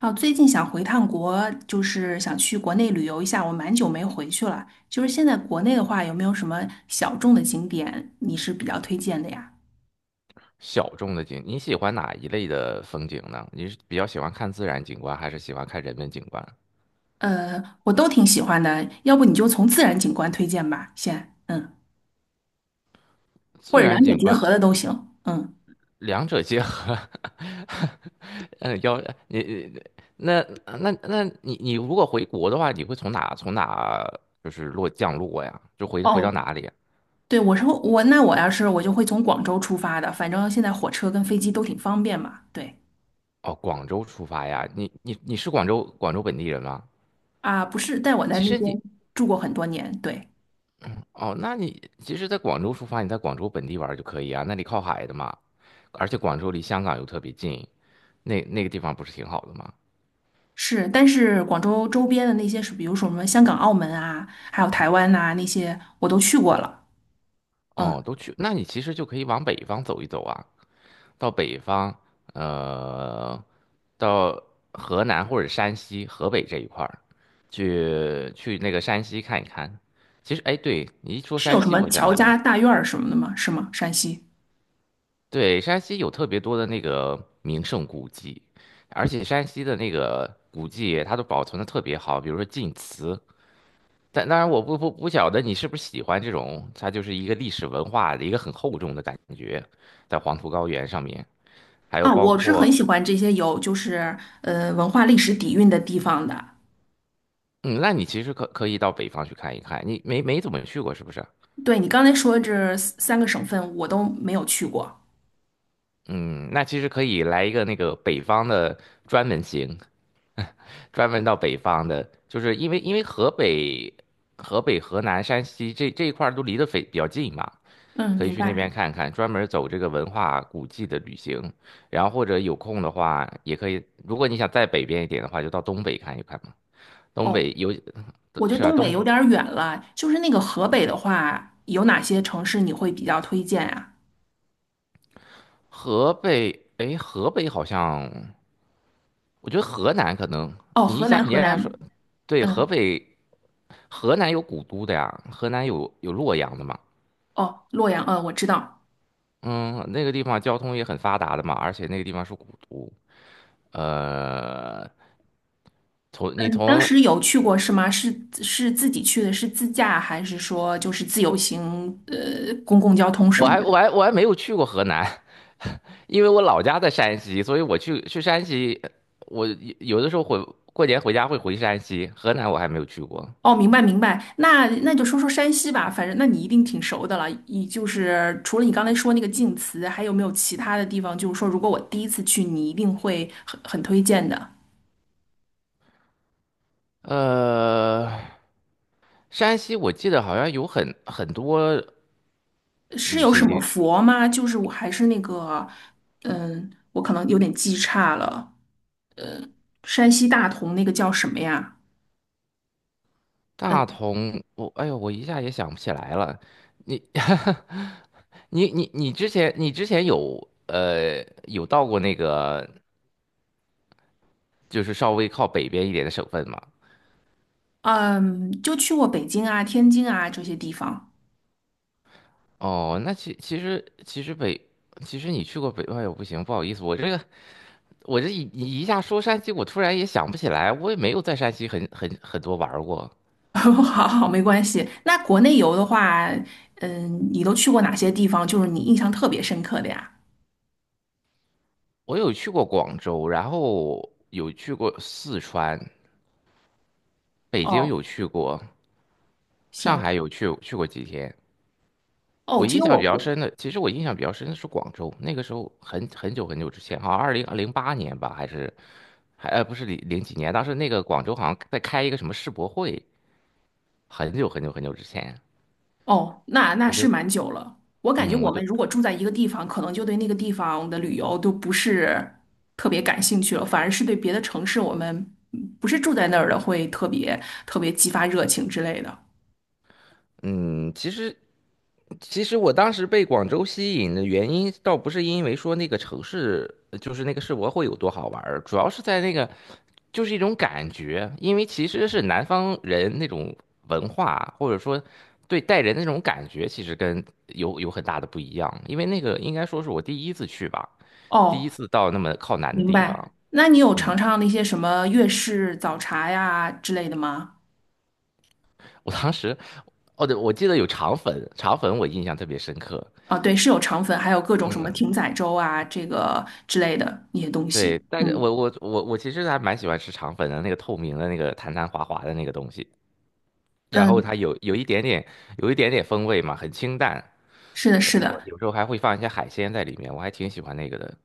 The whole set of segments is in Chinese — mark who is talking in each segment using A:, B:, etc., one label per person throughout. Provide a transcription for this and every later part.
A: 哦，最近想回趟国，就是想去国内旅游一下，我蛮久没回去了。就是现在国内的话，有没有什么小众的景点你是比较推荐的呀？
B: 小众的景，你喜欢哪一类的风景呢？你是比较喜欢看自然景观，还是喜欢看人文景观？
A: 我都挺喜欢的，要不你就从自然景观推荐吧，先，嗯，或
B: 自
A: 者
B: 然
A: 两者
B: 景
A: 结
B: 观。
A: 合的都行，嗯。
B: 两者结合，嗯，要你你那那那你你如果回国的话，你会从哪就是降落呀？就回到
A: 哦，
B: 哪里啊？
A: 对，我说我要是就会从广州出发的，反正现在火车跟飞机都挺方便嘛。对
B: 哦，广州出发呀？你是广州本地人吗？
A: 啊，不是，但我在
B: 其
A: 那
B: 实
A: 边
B: 你
A: 住过很多年，对。
B: 哦，那你其实，在广州出发，你在广州本地玩儿就可以啊，那里靠海的嘛，而且广州离香港又特别近，那个地方不是挺好的吗？
A: 是，但是广州周边的那些是，比如说什么香港、澳门啊，还有台湾呐、那些我都去过了。
B: 哦，
A: 嗯，
B: 都去，那你其实就可以往北方走一走啊，到北方，呃，到河南或者山西、河北这一块儿，去那个山西看一看。其实，哎，对，你一说
A: 是
B: 山
A: 有什
B: 西，
A: 么
B: 我
A: 乔
B: 想起来，
A: 家大院儿什么的吗？是吗？山西
B: 对，山西有特别多的那个名胜古迹，而且山西的那个古迹它都保存的特别好，比如说晋祠。但当然，我不晓得你是不是喜欢这种，它就是一个历史文化的一个很厚重的感觉，在黄土高原上面。还有
A: 啊，
B: 包
A: 我是很
B: 括，
A: 喜欢这些有就是文化历史底蕴的地方的。
B: 嗯，那你其实可以到北方去看一看，你没怎么去过是不是？
A: 对你刚才说这三个省份，我都没有去过。
B: 嗯，那其实可以来一个那个北方的专门行，专门到北方的，就是因为河北、河南、山西这一块儿都离得非比较近嘛，
A: 嗯，
B: 可以
A: 明
B: 去那
A: 白。
B: 边看看，专门走这个文化古迹的旅行。然后或者有空的话，也可以，如果你想再北边一点的话，就到东北看一看嘛。东
A: 哦，
B: 北有。
A: 我觉得
B: 是啊，
A: 东北有点儿远了，就是那个河北的话，有哪些城市你会比较推荐啊？
B: 河北，哎，河北好像。我觉得河南可能，
A: 哦，
B: 你一
A: 河
B: 下
A: 南，
B: 你
A: 河
B: 一下说，
A: 南，
B: 对，河
A: 嗯，
B: 北。河南有古都的呀，河南有洛阳的嘛，
A: 哦，洛阳，嗯，我知道。
B: 嗯，那个地方交通也很发达的嘛，而且那个地方是古都，呃，从你
A: 当
B: 从
A: 时有去过是吗？是是自己去的，是自驾还是说就是自由行？公共交通什
B: 我
A: 么
B: 还
A: 的？
B: 我还我还没有去过河南，因为我老家在山西，所以我去山西，我有有的时候过年回家会回山西，河南我还没有去过，
A: 哦，明白明白。那那就说说山西吧，反正那你一定挺熟的了。你就是除了你刚才说那个晋祠，还有没有其他的地方？就是说，如果我第一次去，你一定会很推荐的。
B: 呃，山西我记得好像有很多
A: 是
B: 旅
A: 有什
B: 行
A: 么
B: 地。
A: 佛吗？就是我还是那个，嗯，我可能有点记差了。山西大同那个叫什么呀？
B: 大同，哎呦，我一下也想不起来了。你 你之前有到过那个就是稍微靠北边一点的省份吗？
A: 嗯，就去过北京啊、天津啊这些地方。
B: 哦，那其实你去过北，哎呦不行，不好意思，我这一下说山西，我突然也想不起来，我也没有在山西很多玩儿过。
A: 好好，没关系。那国内游的话，嗯，你都去过哪些地方？就是你印象特别深刻的呀？
B: 我有去过广州，然后有去过四川，北京
A: 哦，
B: 有去过，上
A: 行，
B: 海有去过几天。
A: 哦，
B: 我
A: 其
B: 印
A: 实
B: 象
A: 我
B: 比较
A: 国，
B: 深的，其实我印象比较深的是广州，那个时候很久很久之前，好像2008年吧，还是不是零零几年，当时那个广州好像在开一个什么世博会，很久很久很久之前，
A: 哦，那那
B: 我就
A: 是蛮久了。我感觉
B: 嗯，
A: 我
B: 我
A: 们
B: 就
A: 如果住在一个地方，可能就对那个地方的旅游都不是特别感兴趣了，反而是对别的城市，我们不是住在那儿的，会特别特别激发热情之类的。
B: 嗯，其实其实我当时被广州吸引的原因，倒不是因为说那个城市，就是那个世博会有多好玩儿主要是在那个，就是一种感觉，因为其实是南方人那种文化，或者说对待人的那种感觉，其实跟有很大的不一样。因为那个应该说是我第一次去吧，第
A: 哦，
B: 一次到那么靠南的
A: 明
B: 地方，
A: 白。那你有
B: 嗯，
A: 尝尝那些什么粤式早茶呀之类的吗？
B: 我当时，哦对，我记得有肠粉，肠粉我印象特别深刻，
A: 啊，对，是有肠粉，还有各种什么艇仔粥啊，这个之类的那些东西。
B: 对，但
A: 嗯
B: 是我其实还蛮喜欢吃肠粉的，那个透明的那个弹弹滑滑的那个东西，然后
A: 嗯，
B: 它有一点点风味嘛，很清淡，
A: 是的，是
B: 然后
A: 的。
B: 有时候还会放一些海鲜在里面，我还挺喜欢那个的。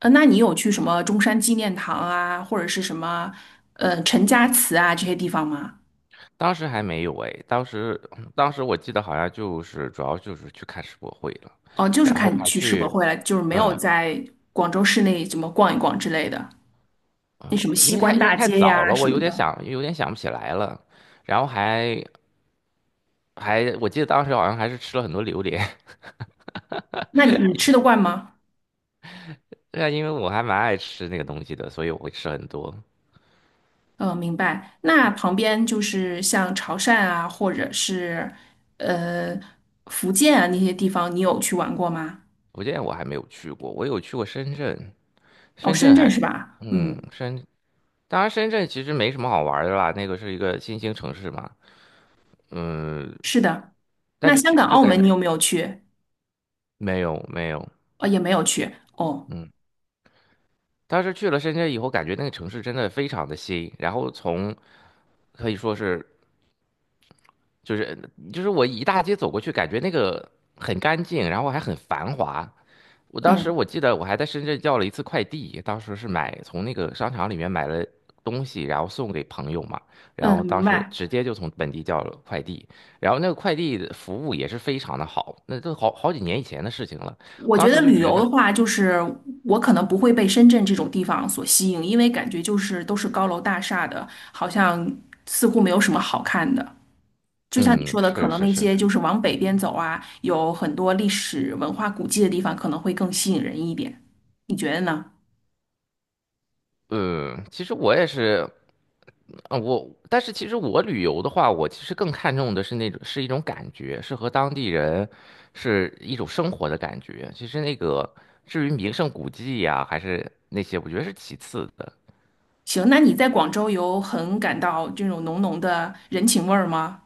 A: 那你有去什么中山纪念堂啊，或者是什么陈家祠啊这些地方吗？
B: 当时还没有哎，当时我记得好像就是主要就是去看世博会了，
A: 哦，就是
B: 然后
A: 看你
B: 还
A: 去世博
B: 去
A: 会了，就是没有
B: 嗯，
A: 在广州市内怎么逛一逛之类的。那什么西
B: 因为太
A: 关
B: 因
A: 大
B: 为太
A: 街
B: 早
A: 呀、
B: 了，我
A: 什
B: 有
A: 么
B: 点
A: 的，
B: 想有点想不起来了，然后我记得当时好像还是吃了很多榴莲，
A: 那你你吃得惯吗？
B: 对啊，因为我还蛮爱吃那个东西的，所以我会吃很多。
A: 嗯，明白。那旁边就是像潮汕啊，或者是呃福建啊那些地方，你有去玩过吗？
B: 福建我还没有去过，我有去过深圳，
A: 哦，
B: 深
A: 深
B: 圳
A: 圳
B: 还是，
A: 是吧？
B: 嗯，
A: 嗯，
B: 深，当然深圳其实没什么好玩的啦，那个是一个新兴城市嘛，嗯，
A: 是的。
B: 但
A: 那
B: 是
A: 香
B: 去
A: 港、
B: 就
A: 澳
B: 感
A: 门
B: 觉
A: 你有没有去？
B: 没有没有，
A: 也没有去。哦，
B: 嗯，当时去了深圳以后，感觉那个城市真的非常的新，然后可以说是就是就是我一大街走过去，感觉那个很干净，然后还很繁华，我当时
A: 嗯
B: 我记得我还在深圳叫了一次快递，当时是从那个商场里面买了东西，然后送给朋友嘛，然后
A: 嗯，
B: 当
A: 明
B: 时
A: 白。
B: 直接就从本地叫了快递，然后那个快递的服务也是非常的好，那都好好几年以前的事情了，
A: 我
B: 当
A: 觉得
B: 时就
A: 旅
B: 觉
A: 游
B: 得，
A: 的话，就是我可能不会被深圳这种地方所吸引，因为感觉就是都是高楼大厦的，好像似乎没有什么好看的。就像你
B: 嗯，
A: 说的，可
B: 是
A: 能
B: 是
A: 那
B: 是，
A: 些就是往北边走啊，有很多历史文化古迹的地方，可能会更吸引人一点。你觉得呢？
B: 嗯，其实我也是，但是其实我旅游的话，我其实更看重的是那种是一种感觉，是和当地人是一种生活的感觉。其实那个至于名胜古迹呀、还是那些，我觉得是其次的。
A: 行，那你在广州有很感到这种浓浓的人情味儿吗？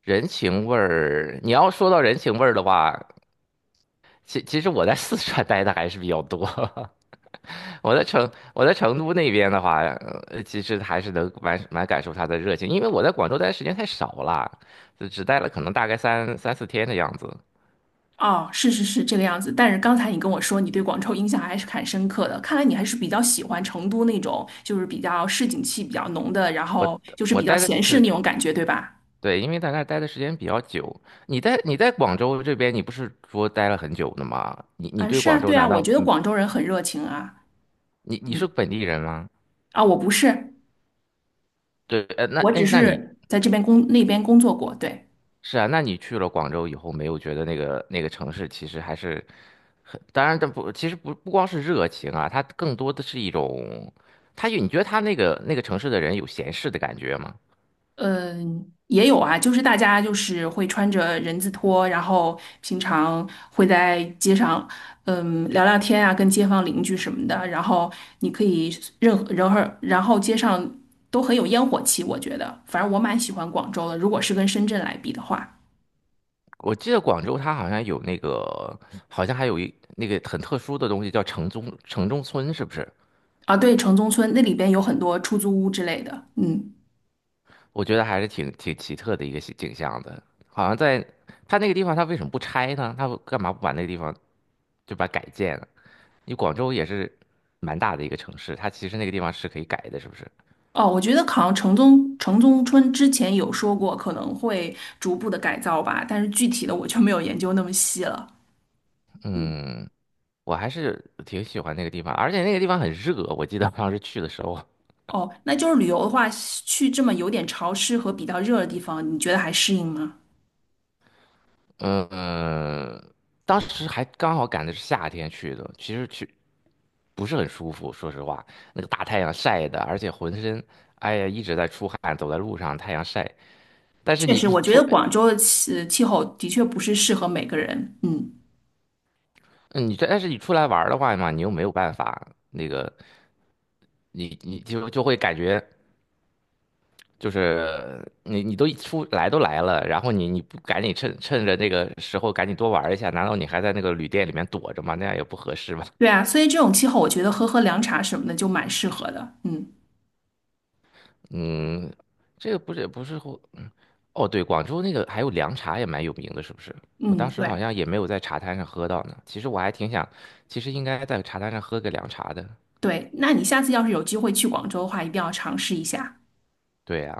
B: 人情味儿，你要说到人情味儿的话，其实我在四川 待的还是比较多。我在成我在成都那边的话，其实还是能蛮感受他的热情，因为我在广州待的时间太少了，就只待了可能大概三四天的样子。
A: 哦，是是是这个样子。但是刚才你跟我说你对广州印象还是很深刻的，看来你还是比较喜欢成都那种，就是比较市井气比较浓的，然
B: 我
A: 后就是
B: 我
A: 比较
B: 待的
A: 闲适
B: 对，
A: 那种感觉，对吧？
B: 对，因为在那儿待的时间比较久。你在广州这边，你不是说待了很久的吗？你
A: 嗯，
B: 对
A: 是
B: 广
A: 啊，
B: 州
A: 对啊，
B: 难道
A: 我觉得广州人很热情啊。
B: 你
A: 嗯，
B: 是本地人吗？
A: 啊，我不是，
B: 对，那
A: 我只
B: 哎，那你
A: 是在这边那边工作过，对。
B: 是啊，那你去了广州以后，没有觉得那个那个城市其实还是，当然，这不，其实不光是热情啊，它更多的是一种，你觉得它那个城市的人有闲适的感觉吗？
A: 嗯，也有啊，就是大家就是会穿着人字拖，然后平常会在街上，嗯，聊聊天啊，跟街坊邻居什么的。然后你可以任何，然后街上都很有烟火气，我觉得，反正我蛮喜欢广州的。如果是跟深圳来比的话，
B: 我记得广州它好像有那个，好像还有那个很特殊的东西叫城中村，是不是？
A: 啊，对，城中村那里边有很多出租屋之类的，嗯。
B: 我觉得还是挺奇特的一个景象的，好像在它那个地方，它为什么不拆呢？它干嘛不把那个地方就把它改建了？你广州也是蛮大的一个城市，它其实那个地方是可以改的，是不是？
A: 哦，我觉得好像城中村之前有说过可能会逐步的改造吧，但是具体的我就没有研究那么细了。嗯。
B: 嗯，我还是挺喜欢那个地方，而且那个地方很热，我记得当时去的时候，
A: 哦，那就是旅游的话，去这么有点潮湿和比较热的地方，你觉得还适应吗？
B: 嗯，当时还刚好赶的是夏天去的，其实去不是很舒服，说实话，那个大太阳晒的，而且浑身，哎呀一直在出汗，走在路上太阳晒。但是
A: 确
B: 你
A: 实，
B: 你
A: 我觉
B: 出
A: 得广州的气候的确不是适合每个人。嗯，
B: 但是你出来玩儿的话嘛，你又没有办法，那个你就会感觉就是你都来了，然后你不赶紧趁着那个时候赶紧多玩儿一下，难道你还在那个旅店里面躲着吗？那样也不合适吧？
A: 对啊，所以这种气候，我觉得喝凉茶什么的就蛮适合的。嗯
B: 嗯，这个不是也不是会哦，对，广州那个还有凉茶也蛮有名的，是不是？我
A: 嗯，
B: 当时好
A: 对
B: 像也没有在茶摊上喝到呢。其实我还挺想，其实应该在茶摊上喝个凉茶的。
A: 对，那你下次要是有机会去广州的话，一定要尝试一下。
B: 对呀、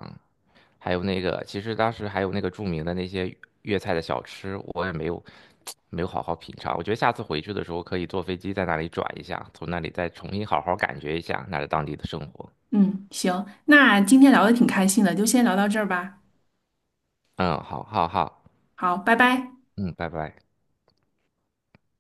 B: 还有那个，其实当时还有那个著名的那些粤菜的小吃，我也没有好好品尝。我觉得下次回去的时候可以坐飞机在那里转一下，从那里再重新好好感觉一下那儿当地的生活。
A: 嗯，行，那今天聊的挺开心的，就先聊到这儿吧。
B: 嗯，好，好，好，
A: 好，拜拜。
B: 嗯，拜拜。